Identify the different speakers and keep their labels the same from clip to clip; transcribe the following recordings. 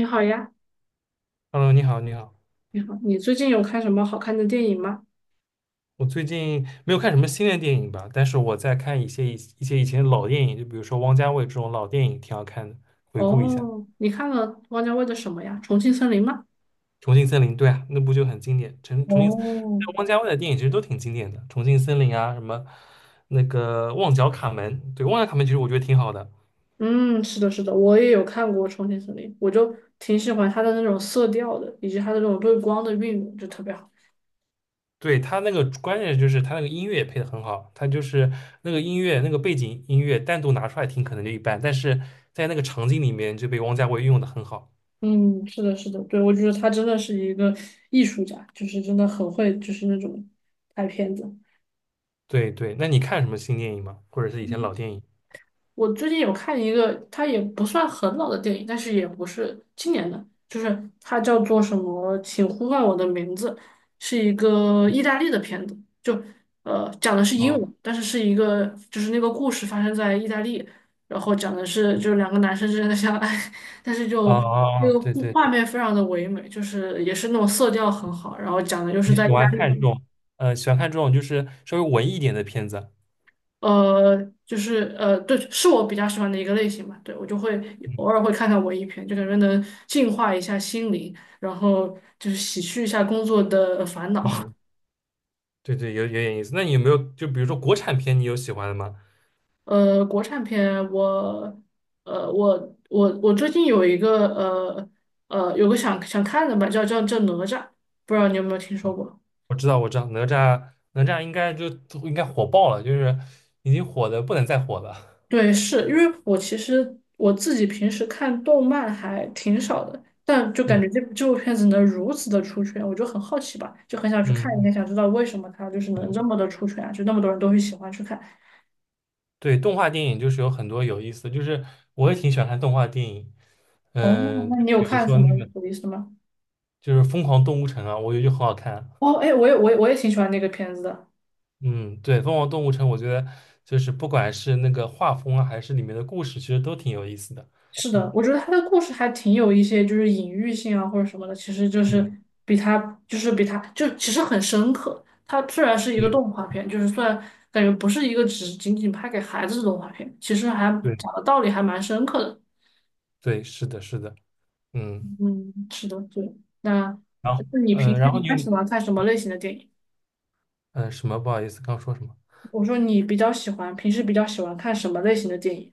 Speaker 1: 你好呀，
Speaker 2: Hello，你好，你好。
Speaker 1: 你好，你最近有看什么好看的电影吗？
Speaker 2: 我最近没有看什么新的电影吧，但是我在看一些以前的老电影，就比如说王家卫这种老电影，挺好看的，回顾一下
Speaker 1: 哦，你看了汪家卫的什么呀？《重庆森林》吗？
Speaker 2: 《重庆森林》。对啊，那部就很经典。重庆，
Speaker 1: 哦，
Speaker 2: 王家卫的电影其实都挺经典的，《重庆森林》啊，什么那个《旺角卡门》。对，《旺角卡门》其实我觉得挺好的。
Speaker 1: 嗯，是的，是的，我也有看过《重庆森林》，我就挺喜欢他的那种色调的，以及他的那种对光的运用，就特别好。
Speaker 2: 对他那个关键就是他那个音乐也配的很好，他就是那个音乐那个背景音乐单独拿出来听可能就一般，但是在那个场景里面就被王家卫运用的很好。
Speaker 1: 嗯，是的，是的，对，我觉得他真的是一个艺术家，就是真的很会，就是那种拍片子。
Speaker 2: 对对，那你看什么新电影吗？或者是以前老电影？
Speaker 1: 我最近有看一个，它也不算很老的电影，但是也不是今年的，就是它叫做什么《请呼唤我的名字》，是一个意大利的片子，就讲的是英
Speaker 2: 哦
Speaker 1: 文，但是一个就是那个故事发生在意大利，然后讲的是就是两个男生之间的相爱，但是
Speaker 2: 哦
Speaker 1: 就那
Speaker 2: 哦，
Speaker 1: 个
Speaker 2: 对对，
Speaker 1: 画面非常的唯美，就是也是那种色调很好，然后讲的就是
Speaker 2: 你
Speaker 1: 在意
Speaker 2: 喜
Speaker 1: 大
Speaker 2: 欢看这
Speaker 1: 利。
Speaker 2: 种，呃，喜欢看这种就是稍微文艺一点的片子。
Speaker 1: 呃，就是对，是我比较喜欢的一个类型吧。对，我就会
Speaker 2: 嗯
Speaker 1: 偶尔会看看文艺片，就感觉能净化一下心灵，然后就是洗去一下工作的烦恼。
Speaker 2: 嗯，对对，有点意思。那你有没有就比如说国产片，你有喜欢的吗？
Speaker 1: 国产片我，我最近有一个有个想看的吧，叫哪吒，不知道你有没有听说过？
Speaker 2: 我知道，我知道，哪吒，哪吒应该火爆了，就是已经火的不能再火了。
Speaker 1: 对，是因为我其实我自己平时看动漫还挺少的，但就感觉
Speaker 2: 嗯
Speaker 1: 这部片子能如此的出圈，我就很好奇吧，就很想去
Speaker 2: 嗯
Speaker 1: 看一
Speaker 2: 嗯，
Speaker 1: 看，想知道为什么它就是能
Speaker 2: 对
Speaker 1: 这么的出圈啊，就那么多人都会喜欢去看。
Speaker 2: 对，动画电影就是有很多有意思的，就是我也挺喜欢看动画电影。
Speaker 1: 哦，
Speaker 2: 嗯、
Speaker 1: 那你有
Speaker 2: 比如
Speaker 1: 看什
Speaker 2: 说
Speaker 1: 么
Speaker 2: 那个
Speaker 1: 有意思的吗？
Speaker 2: 就是《疯狂动物城》啊，我觉得就很好看。
Speaker 1: 哦，哎，我也挺喜欢那个片子的。
Speaker 2: 嗯，对，《疯狂动物城》，我觉得就是不管是那个画风啊，还是里面的故事，其实都挺有意思的。
Speaker 1: 是的，
Speaker 2: 嗯
Speaker 1: 我觉得他的故事还挺有一些就是隐喻性啊或者什么的，其实就是
Speaker 2: 嗯，
Speaker 1: 比他比他就其实很深刻。它虽然是一个
Speaker 2: 对
Speaker 1: 动画片，就是虽然感觉不是一个只仅仅拍给孩子的动画片，其实还
Speaker 2: 对
Speaker 1: 讲的道理还蛮深刻的。
Speaker 2: 对，是的，是的，嗯。
Speaker 1: 嗯，是的，对。那
Speaker 2: 然后，
Speaker 1: 那你平
Speaker 2: 呃，
Speaker 1: 时
Speaker 2: 然
Speaker 1: 一
Speaker 2: 后你
Speaker 1: 般
Speaker 2: 有，
Speaker 1: 喜欢看什么类型的电影？
Speaker 2: 什么？不好意思，刚说什么？
Speaker 1: 我说你比较喜欢，平时比较喜欢看什么类型的电影？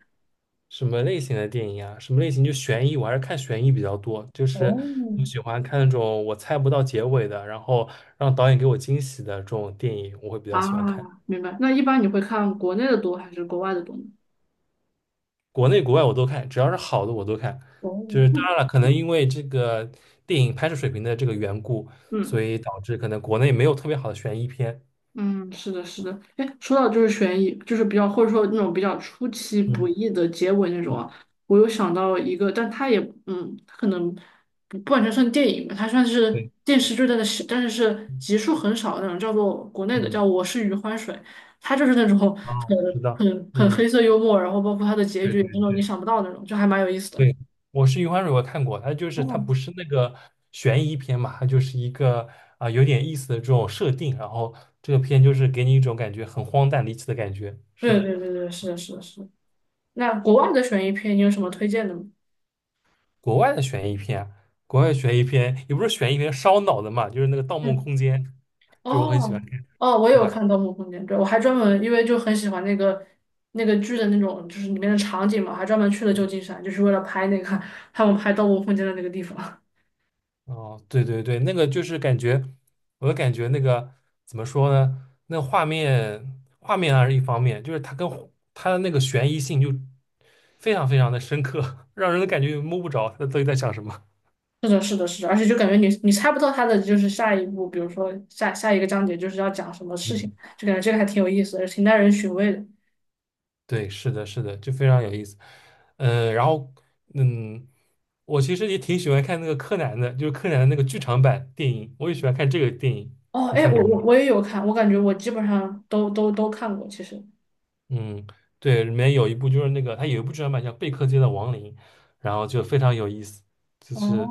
Speaker 2: 什么类型的电影啊？什么类型？就悬疑，我还是看悬疑比较多，就是
Speaker 1: 哦，
Speaker 2: 我喜欢看那种我猜不到结尾的，然后让导演给我惊喜的这种电影，我会比较
Speaker 1: 啊，
Speaker 2: 喜欢看。
Speaker 1: 明白。那一般你会看国内的多还是国外的多呢？
Speaker 2: 国内国外我都看，只要是好的我都看。
Speaker 1: 哦，
Speaker 2: 就是当
Speaker 1: 嗯
Speaker 2: 然了，可能因为这个电影拍摄水平的这个缘故，所
Speaker 1: 嗯。
Speaker 2: 以导致可能国内没有特别好的悬疑片。
Speaker 1: 嗯，是的，是的。哎，说到就是悬疑，就是比较或者说那种比较出其不
Speaker 2: 嗯，
Speaker 1: 意的结尾那种啊，我有想到一个，但它也它可能不完全算电影吧，它算是
Speaker 2: 对，
Speaker 1: 电视剧，但是是集数很少的那种，叫做国内的
Speaker 2: 嗯，
Speaker 1: 叫《我是余欢水》，它就是那种
Speaker 2: 哦，
Speaker 1: 很
Speaker 2: 我知道，
Speaker 1: 很很
Speaker 2: 嗯，
Speaker 1: 黑色幽默，然后包括它的结
Speaker 2: 对
Speaker 1: 局也
Speaker 2: 对
Speaker 1: 是那种你
Speaker 2: 对
Speaker 1: 想不到的那种，就还蛮有意思的。
Speaker 2: 对，我是《余欢水》，我看过，它就是它
Speaker 1: 哦，
Speaker 2: 不是那个悬疑片嘛，它就是一个有点意思的这种设定，然后这个片就是给你一种感觉很荒诞离奇的感觉。是
Speaker 1: 对
Speaker 2: 的。
Speaker 1: 对对对，是的，是的，是的。那国外的悬疑片，你有什么推荐的吗？
Speaker 2: 国外的悬疑片啊国外悬疑片也不是悬疑片，烧脑的嘛，就是那个《盗梦
Speaker 1: 嗯。
Speaker 2: 空间》，就我很喜欢
Speaker 1: 哦
Speaker 2: 看，
Speaker 1: 哦，我
Speaker 2: 对
Speaker 1: 有
Speaker 2: 吧？
Speaker 1: 看《盗墓空间》，对，我还专门因为就很喜欢那个剧的那种，就是里面的场景嘛，还专门去了旧金山，就是为了拍那个他们拍《盗墓空间》的那个地方。
Speaker 2: 哦，对对对，那个就是感觉，我的感觉那个怎么说呢？那画面还是一方面，就是它跟它的那个悬疑性就非常非常的深刻，让人感觉摸不着他到底在想什么。
Speaker 1: 是的，是的，是的，而且就感觉你猜不到他的就是下一步，比如说下一个章节就是要讲什么事情，
Speaker 2: 嗯。
Speaker 1: 就感觉这个还挺有意思的，挺耐人寻味的。
Speaker 2: 对，是的，是的，就非常有意思。嗯，然后嗯，我其实也挺喜欢看那个柯南的，就是柯南的那个剧场版电影，我也喜欢看这个电影，
Speaker 1: 哦，
Speaker 2: 你
Speaker 1: 哎，
Speaker 2: 看
Speaker 1: 我
Speaker 2: 过吗？
Speaker 1: 我我也有看，我感觉我基本上都看过，其实。
Speaker 2: 嗯，对，里面有一部就是那个，它有一部剧场版叫《贝克街的亡灵》，然后就非常有意思，就
Speaker 1: 哦，
Speaker 2: 是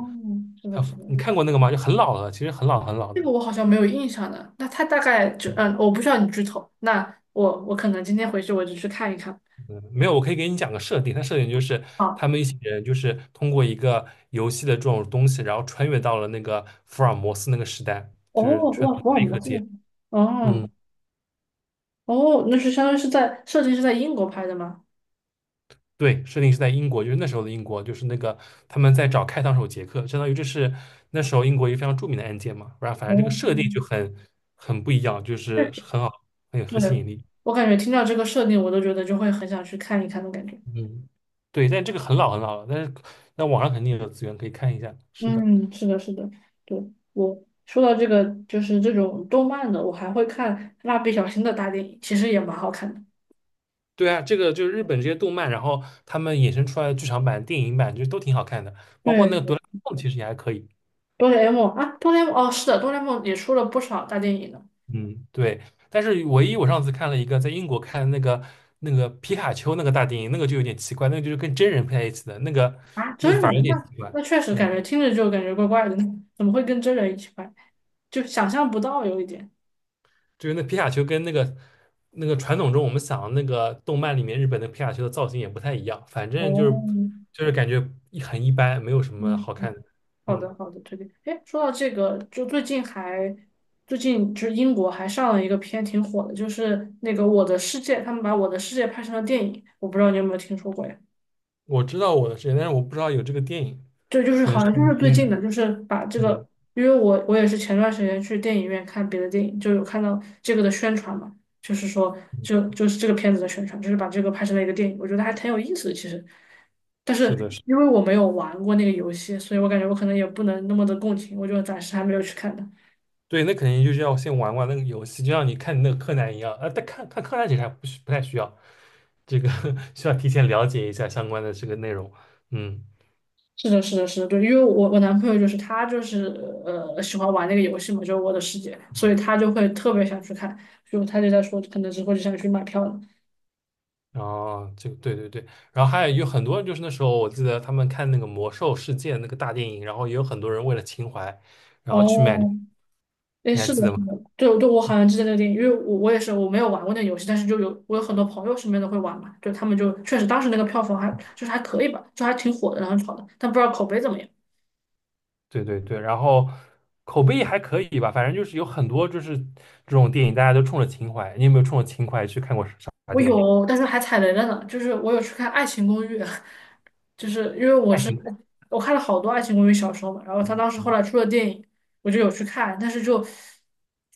Speaker 1: 是的，
Speaker 2: 它，
Speaker 1: 是的。
Speaker 2: 你看过那个吗？就很老了，其实很老很老
Speaker 1: 这个
Speaker 2: 的。
Speaker 1: 我好像没有印象的。那他大概就我不需要你剧透。那我可能今天回去我就去看一看。
Speaker 2: 没有，我可以给你讲个设定。它设定就是
Speaker 1: 啊，
Speaker 2: 他们一行人就是通过一个游戏的这种东西，然后穿越到了那个福尔摩斯那个时代，就是
Speaker 1: 哦，
Speaker 2: 穿
Speaker 1: 哇，
Speaker 2: 越到
Speaker 1: 福尔
Speaker 2: 黑
Speaker 1: 摩
Speaker 2: 客
Speaker 1: 斯，
Speaker 2: 界。
Speaker 1: 哦
Speaker 2: 嗯，
Speaker 1: 哦，那是相当于是在设定是在英国拍的吗？
Speaker 2: 对，设定是在英国，就是那时候的英国，就是那个他们在找开膛手杰克，相当于这是那时候英国一个非常著名的案件嘛。不然后反正这个
Speaker 1: 哦，
Speaker 2: 设定就很不一样，就
Speaker 1: 确
Speaker 2: 是
Speaker 1: 实
Speaker 2: 很好，
Speaker 1: 对，
Speaker 2: 很吸引力。
Speaker 1: 我感觉听到这个设定，我都觉得就会很想去看一看的感觉。
Speaker 2: 嗯，对，但这个很老很老了，但是那网上肯定有资源可以看一下。是的。
Speaker 1: 嗯，是的，是的，对，我说到这个，就是这种动漫的，我还会看《蜡笔小新》的大电影，其实也蛮好看的。
Speaker 2: 对啊，这个就是日本这些动漫，然后他们衍生出来的剧场版、电影版就都挺好看的，包括那个《哆
Speaker 1: 对，
Speaker 2: 啦 A 梦》其实也还可以。
Speaker 1: 哆啦 A 梦啊，哆啦 A 梦哦，是的，哆啦 A 梦也出了不少大电影呢。
Speaker 2: 嗯，对。但是唯一我上次看了一个在英国看的那个皮卡丘那个大电影，那个就有点奇怪，那个就是跟真人配在一起的，那个
Speaker 1: 啊，真
Speaker 2: 反而有
Speaker 1: 人
Speaker 2: 点
Speaker 1: 吗？
Speaker 2: 奇怪。
Speaker 1: 那确实
Speaker 2: 嗯，
Speaker 1: 感觉听着就感觉怪怪的呢，怎么会跟真人一起拍？就想象不到有一点。
Speaker 2: 就是那皮卡丘跟那个传统中我们想的那个动漫里面日本的皮卡丘的造型也不太一样，反正就是
Speaker 1: 哦，
Speaker 2: 就是感觉很一般，没有什么
Speaker 1: 嗯，
Speaker 2: 好看的。
Speaker 1: 好
Speaker 2: 嗯，
Speaker 1: 的好的，推荐。哎，说到这个，就最近就是英国还上了一个片挺火的，就是那个《我的世界》，他们把《我的世界》拍成了电影，我不知道你有没有听说过呀？
Speaker 2: 我知道我的世界，但是我不知道有这个电影。
Speaker 1: 对，就是
Speaker 2: 可能
Speaker 1: 好
Speaker 2: 是
Speaker 1: 像就是
Speaker 2: 音
Speaker 1: 最
Speaker 2: 乐，
Speaker 1: 近的，就是把这
Speaker 2: 嗯
Speaker 1: 个，因为我也是前段时间去电影院看别的电影，就有看到这个的宣传嘛，就是说
Speaker 2: 嗯，
Speaker 1: 就是这个片子的宣传，就是把这个拍成了一个电影，我觉得还挺有意思的其实，但
Speaker 2: 是
Speaker 1: 是
Speaker 2: 的，是的，
Speaker 1: 因为我没有玩过那个游戏，所以我感觉我可能也不能那么的共情，我就暂时还没有去看它。
Speaker 2: 对，那肯定就是要先玩玩那个游戏，就像你看你那个柯南一样，啊，但看看柯南其实还不需不太需要，这个 需要提前了解一下相关的这个内容，嗯
Speaker 1: 是的，是的，是的，对，因为我男朋友就是他就是喜欢玩那个游戏嘛，就是《我的世界》，所
Speaker 2: 嗯，
Speaker 1: 以他就会特别想去看，就他就在说可能之后就想去买票了。
Speaker 2: 哦，这个对对对，然后还有很多人，就是那时候我记得他们看那个魔兽世界那个大电影，然后也有很多人为了情怀，然后去买，
Speaker 1: 哦，
Speaker 2: 你
Speaker 1: 哎，
Speaker 2: 还
Speaker 1: 是
Speaker 2: 记
Speaker 1: 的，
Speaker 2: 得
Speaker 1: 是
Speaker 2: 吗？
Speaker 1: 的，对，对，我好像记得那个电影，因为我也是我没有玩过那个游戏，但是就有我有很多朋友身边都会玩嘛，就他们就确实当时那个票房还就是还可以吧，就还挺火的，然后炒的，但不知道口碑怎么样。
Speaker 2: 对对对，然后口碑还可以吧，反正就是有很多就是这种电影，大家都冲着情怀。你有没有冲着情怀去看过啥
Speaker 1: 我
Speaker 2: 电影？
Speaker 1: 有，但是还踩雷了呢，就是我有去看《爱情公寓》，就是因为我
Speaker 2: 爱
Speaker 1: 是
Speaker 2: 情故
Speaker 1: 我看了好多《爱情公寓》小说嘛，然后他当时后
Speaker 2: 事。
Speaker 1: 来出了电影，我就有去看，但是就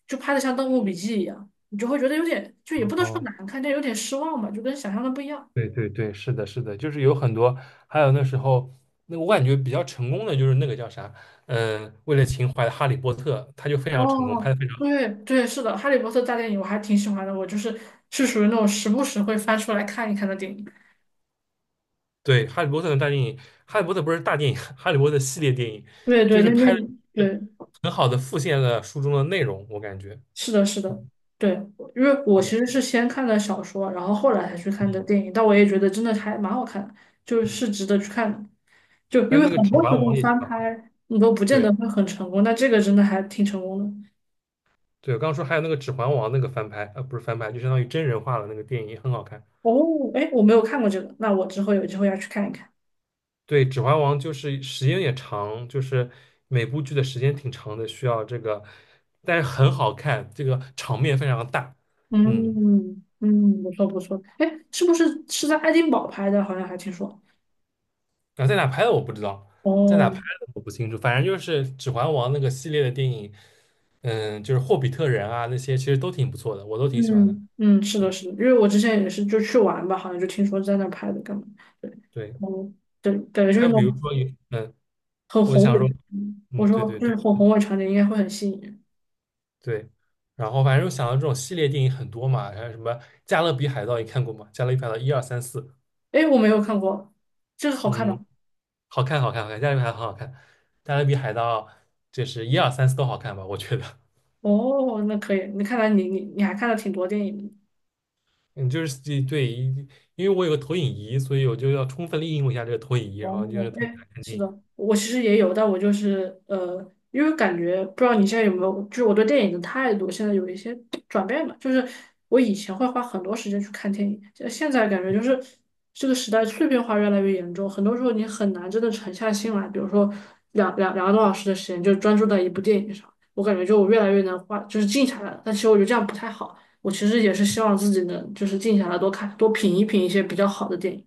Speaker 1: 就拍的像《盗墓笔记》一样，你就会觉得有点就也不能说
Speaker 2: 哦，
Speaker 1: 难看，但有点失望嘛，就跟想象的不一样。
Speaker 2: 对对对，是的，是的，就是有很多，还有那时候那个我感觉比较成功的就是那个叫啥，为了情怀的《哈利波特》，他就非常成功，拍
Speaker 1: 哦，
Speaker 2: 的非常
Speaker 1: 对对，是的，《哈利波特》大电影我还挺喜欢的，我就是属于那种时不时会翻出来看一看的电影。
Speaker 2: 对。《哈利波特》的大电影，《哈利波特》不是大电影，《哈利波特》系列电影，
Speaker 1: 对对，
Speaker 2: 就是
Speaker 1: 那
Speaker 2: 拍的
Speaker 1: 对，
Speaker 2: 很好的复现了书中的内容，我感觉。
Speaker 1: 是的，是的，
Speaker 2: 嗯
Speaker 1: 对，因为我其实是先看的小说，然后后来才去看的电
Speaker 2: 嗯
Speaker 1: 影，但我也觉得真的还蛮好看的，就
Speaker 2: 嗯。
Speaker 1: 是值得去看的。就
Speaker 2: 还
Speaker 1: 因
Speaker 2: 有
Speaker 1: 为
Speaker 2: 那个
Speaker 1: 很
Speaker 2: 《指
Speaker 1: 多
Speaker 2: 环
Speaker 1: 时候
Speaker 2: 王》也挺
Speaker 1: 翻
Speaker 2: 好看。
Speaker 1: 拍你都不见
Speaker 2: 对
Speaker 1: 得会很成功，但这个真的还挺成功的。
Speaker 2: 对，我刚刚说还有那个《指环王》那个翻拍，不是翻拍，就相当于真人化了，那个电影也很好看。
Speaker 1: 哦，哎，我没有看过这个，那我之后有机会要去看一看。
Speaker 2: 对，《指环王》就是时间也长，就是每部剧的时间挺长的，需要这个，但是很好看，这个场面非常大。嗯，
Speaker 1: 嗯嗯，不错不错。哎，是不是在爱丁堡拍的？好像还听说。
Speaker 2: 啊，在哪拍的我不知道，在哪拍
Speaker 1: 哦，
Speaker 2: 的我不清楚，反正就是《指环王》那个系列的电影，嗯，就是《霍比特人》啊那些，其实都挺不错的，我都挺喜欢的。
Speaker 1: 嗯嗯，是的，是的，因为我之前也是就去玩吧，好像就听说在那儿拍的，干嘛？对，
Speaker 2: 对，
Speaker 1: 哦，对，感觉就
Speaker 2: 还
Speaker 1: 是那
Speaker 2: 有比如
Speaker 1: 种
Speaker 2: 说有，
Speaker 1: 很
Speaker 2: 我
Speaker 1: 宏
Speaker 2: 想
Speaker 1: 伟
Speaker 2: 说，
Speaker 1: 的我
Speaker 2: 嗯，对
Speaker 1: 说
Speaker 2: 对
Speaker 1: 就
Speaker 2: 对。
Speaker 1: 是很宏伟场景，应该会很吸引人。
Speaker 2: 对，然后反正想到这种系列电影很多嘛，还有什么《加勒比海盗》，你看过吗？《加勒比海盗》一二三四，二三四
Speaker 1: 哎，我没有看过，这个好看吧？
Speaker 2: 嗯，好看，好看，好看，《加勒比海盗》很好看，《加勒比海盗》就是一二三四都好看吧，我觉得。
Speaker 1: 哦，那可以。那看来你还看了挺多电影的。
Speaker 2: 嗯，就是对，对，因为我有个投影仪，所以我就要充分利用一下这个投影仪，然
Speaker 1: 哦，
Speaker 2: 后就是投影
Speaker 1: 哎，
Speaker 2: 来看
Speaker 1: 是
Speaker 2: 电影。
Speaker 1: 的，我其实也有，但我就是因为感觉不知道你现在有没有，就是我对电影的态度现在有一些转变吧。就是我以前会花很多时间去看电影，现在感觉就是这个时代碎片化越来越严重，很多时候你很难真的沉下心来，比如说两个多小时的时间就专注在一部电影上，我感觉就我越来越能花，就是静下来了。但其实我觉得这样不太好，我其实也是希望自己能就是静下来多看多品一品一些比较好的电影。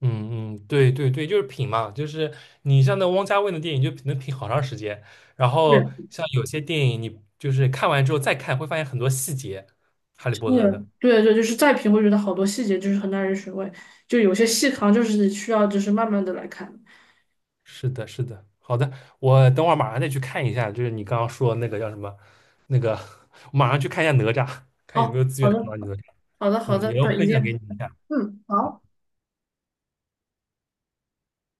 Speaker 2: 嗯嗯，对对对，就是品嘛，就是你像那汪家卫的电影就能品好长时间，然
Speaker 1: 对。
Speaker 2: 后像有些电影你就是看完之后再看，会发现很多细节，《哈利波特》
Speaker 1: 嗯，
Speaker 2: 的。
Speaker 1: 对对，就是再品会觉得好多细节就是很耐人寻味，就有些细糠就是需要就是慢慢的来看。
Speaker 2: 是的，是的，好的，我等会儿马上再去看一下，就是你刚刚说的那个叫什么，那个，我马上去看一下哪吒，看有没
Speaker 1: 好，
Speaker 2: 有资
Speaker 1: 好
Speaker 2: 源能
Speaker 1: 的，
Speaker 2: 找到你哪吒。
Speaker 1: 好的，好
Speaker 2: 嗯，
Speaker 1: 的，
Speaker 2: 也要
Speaker 1: 对，一
Speaker 2: 分享给你
Speaker 1: 定，
Speaker 2: 一下。
Speaker 1: 嗯，好。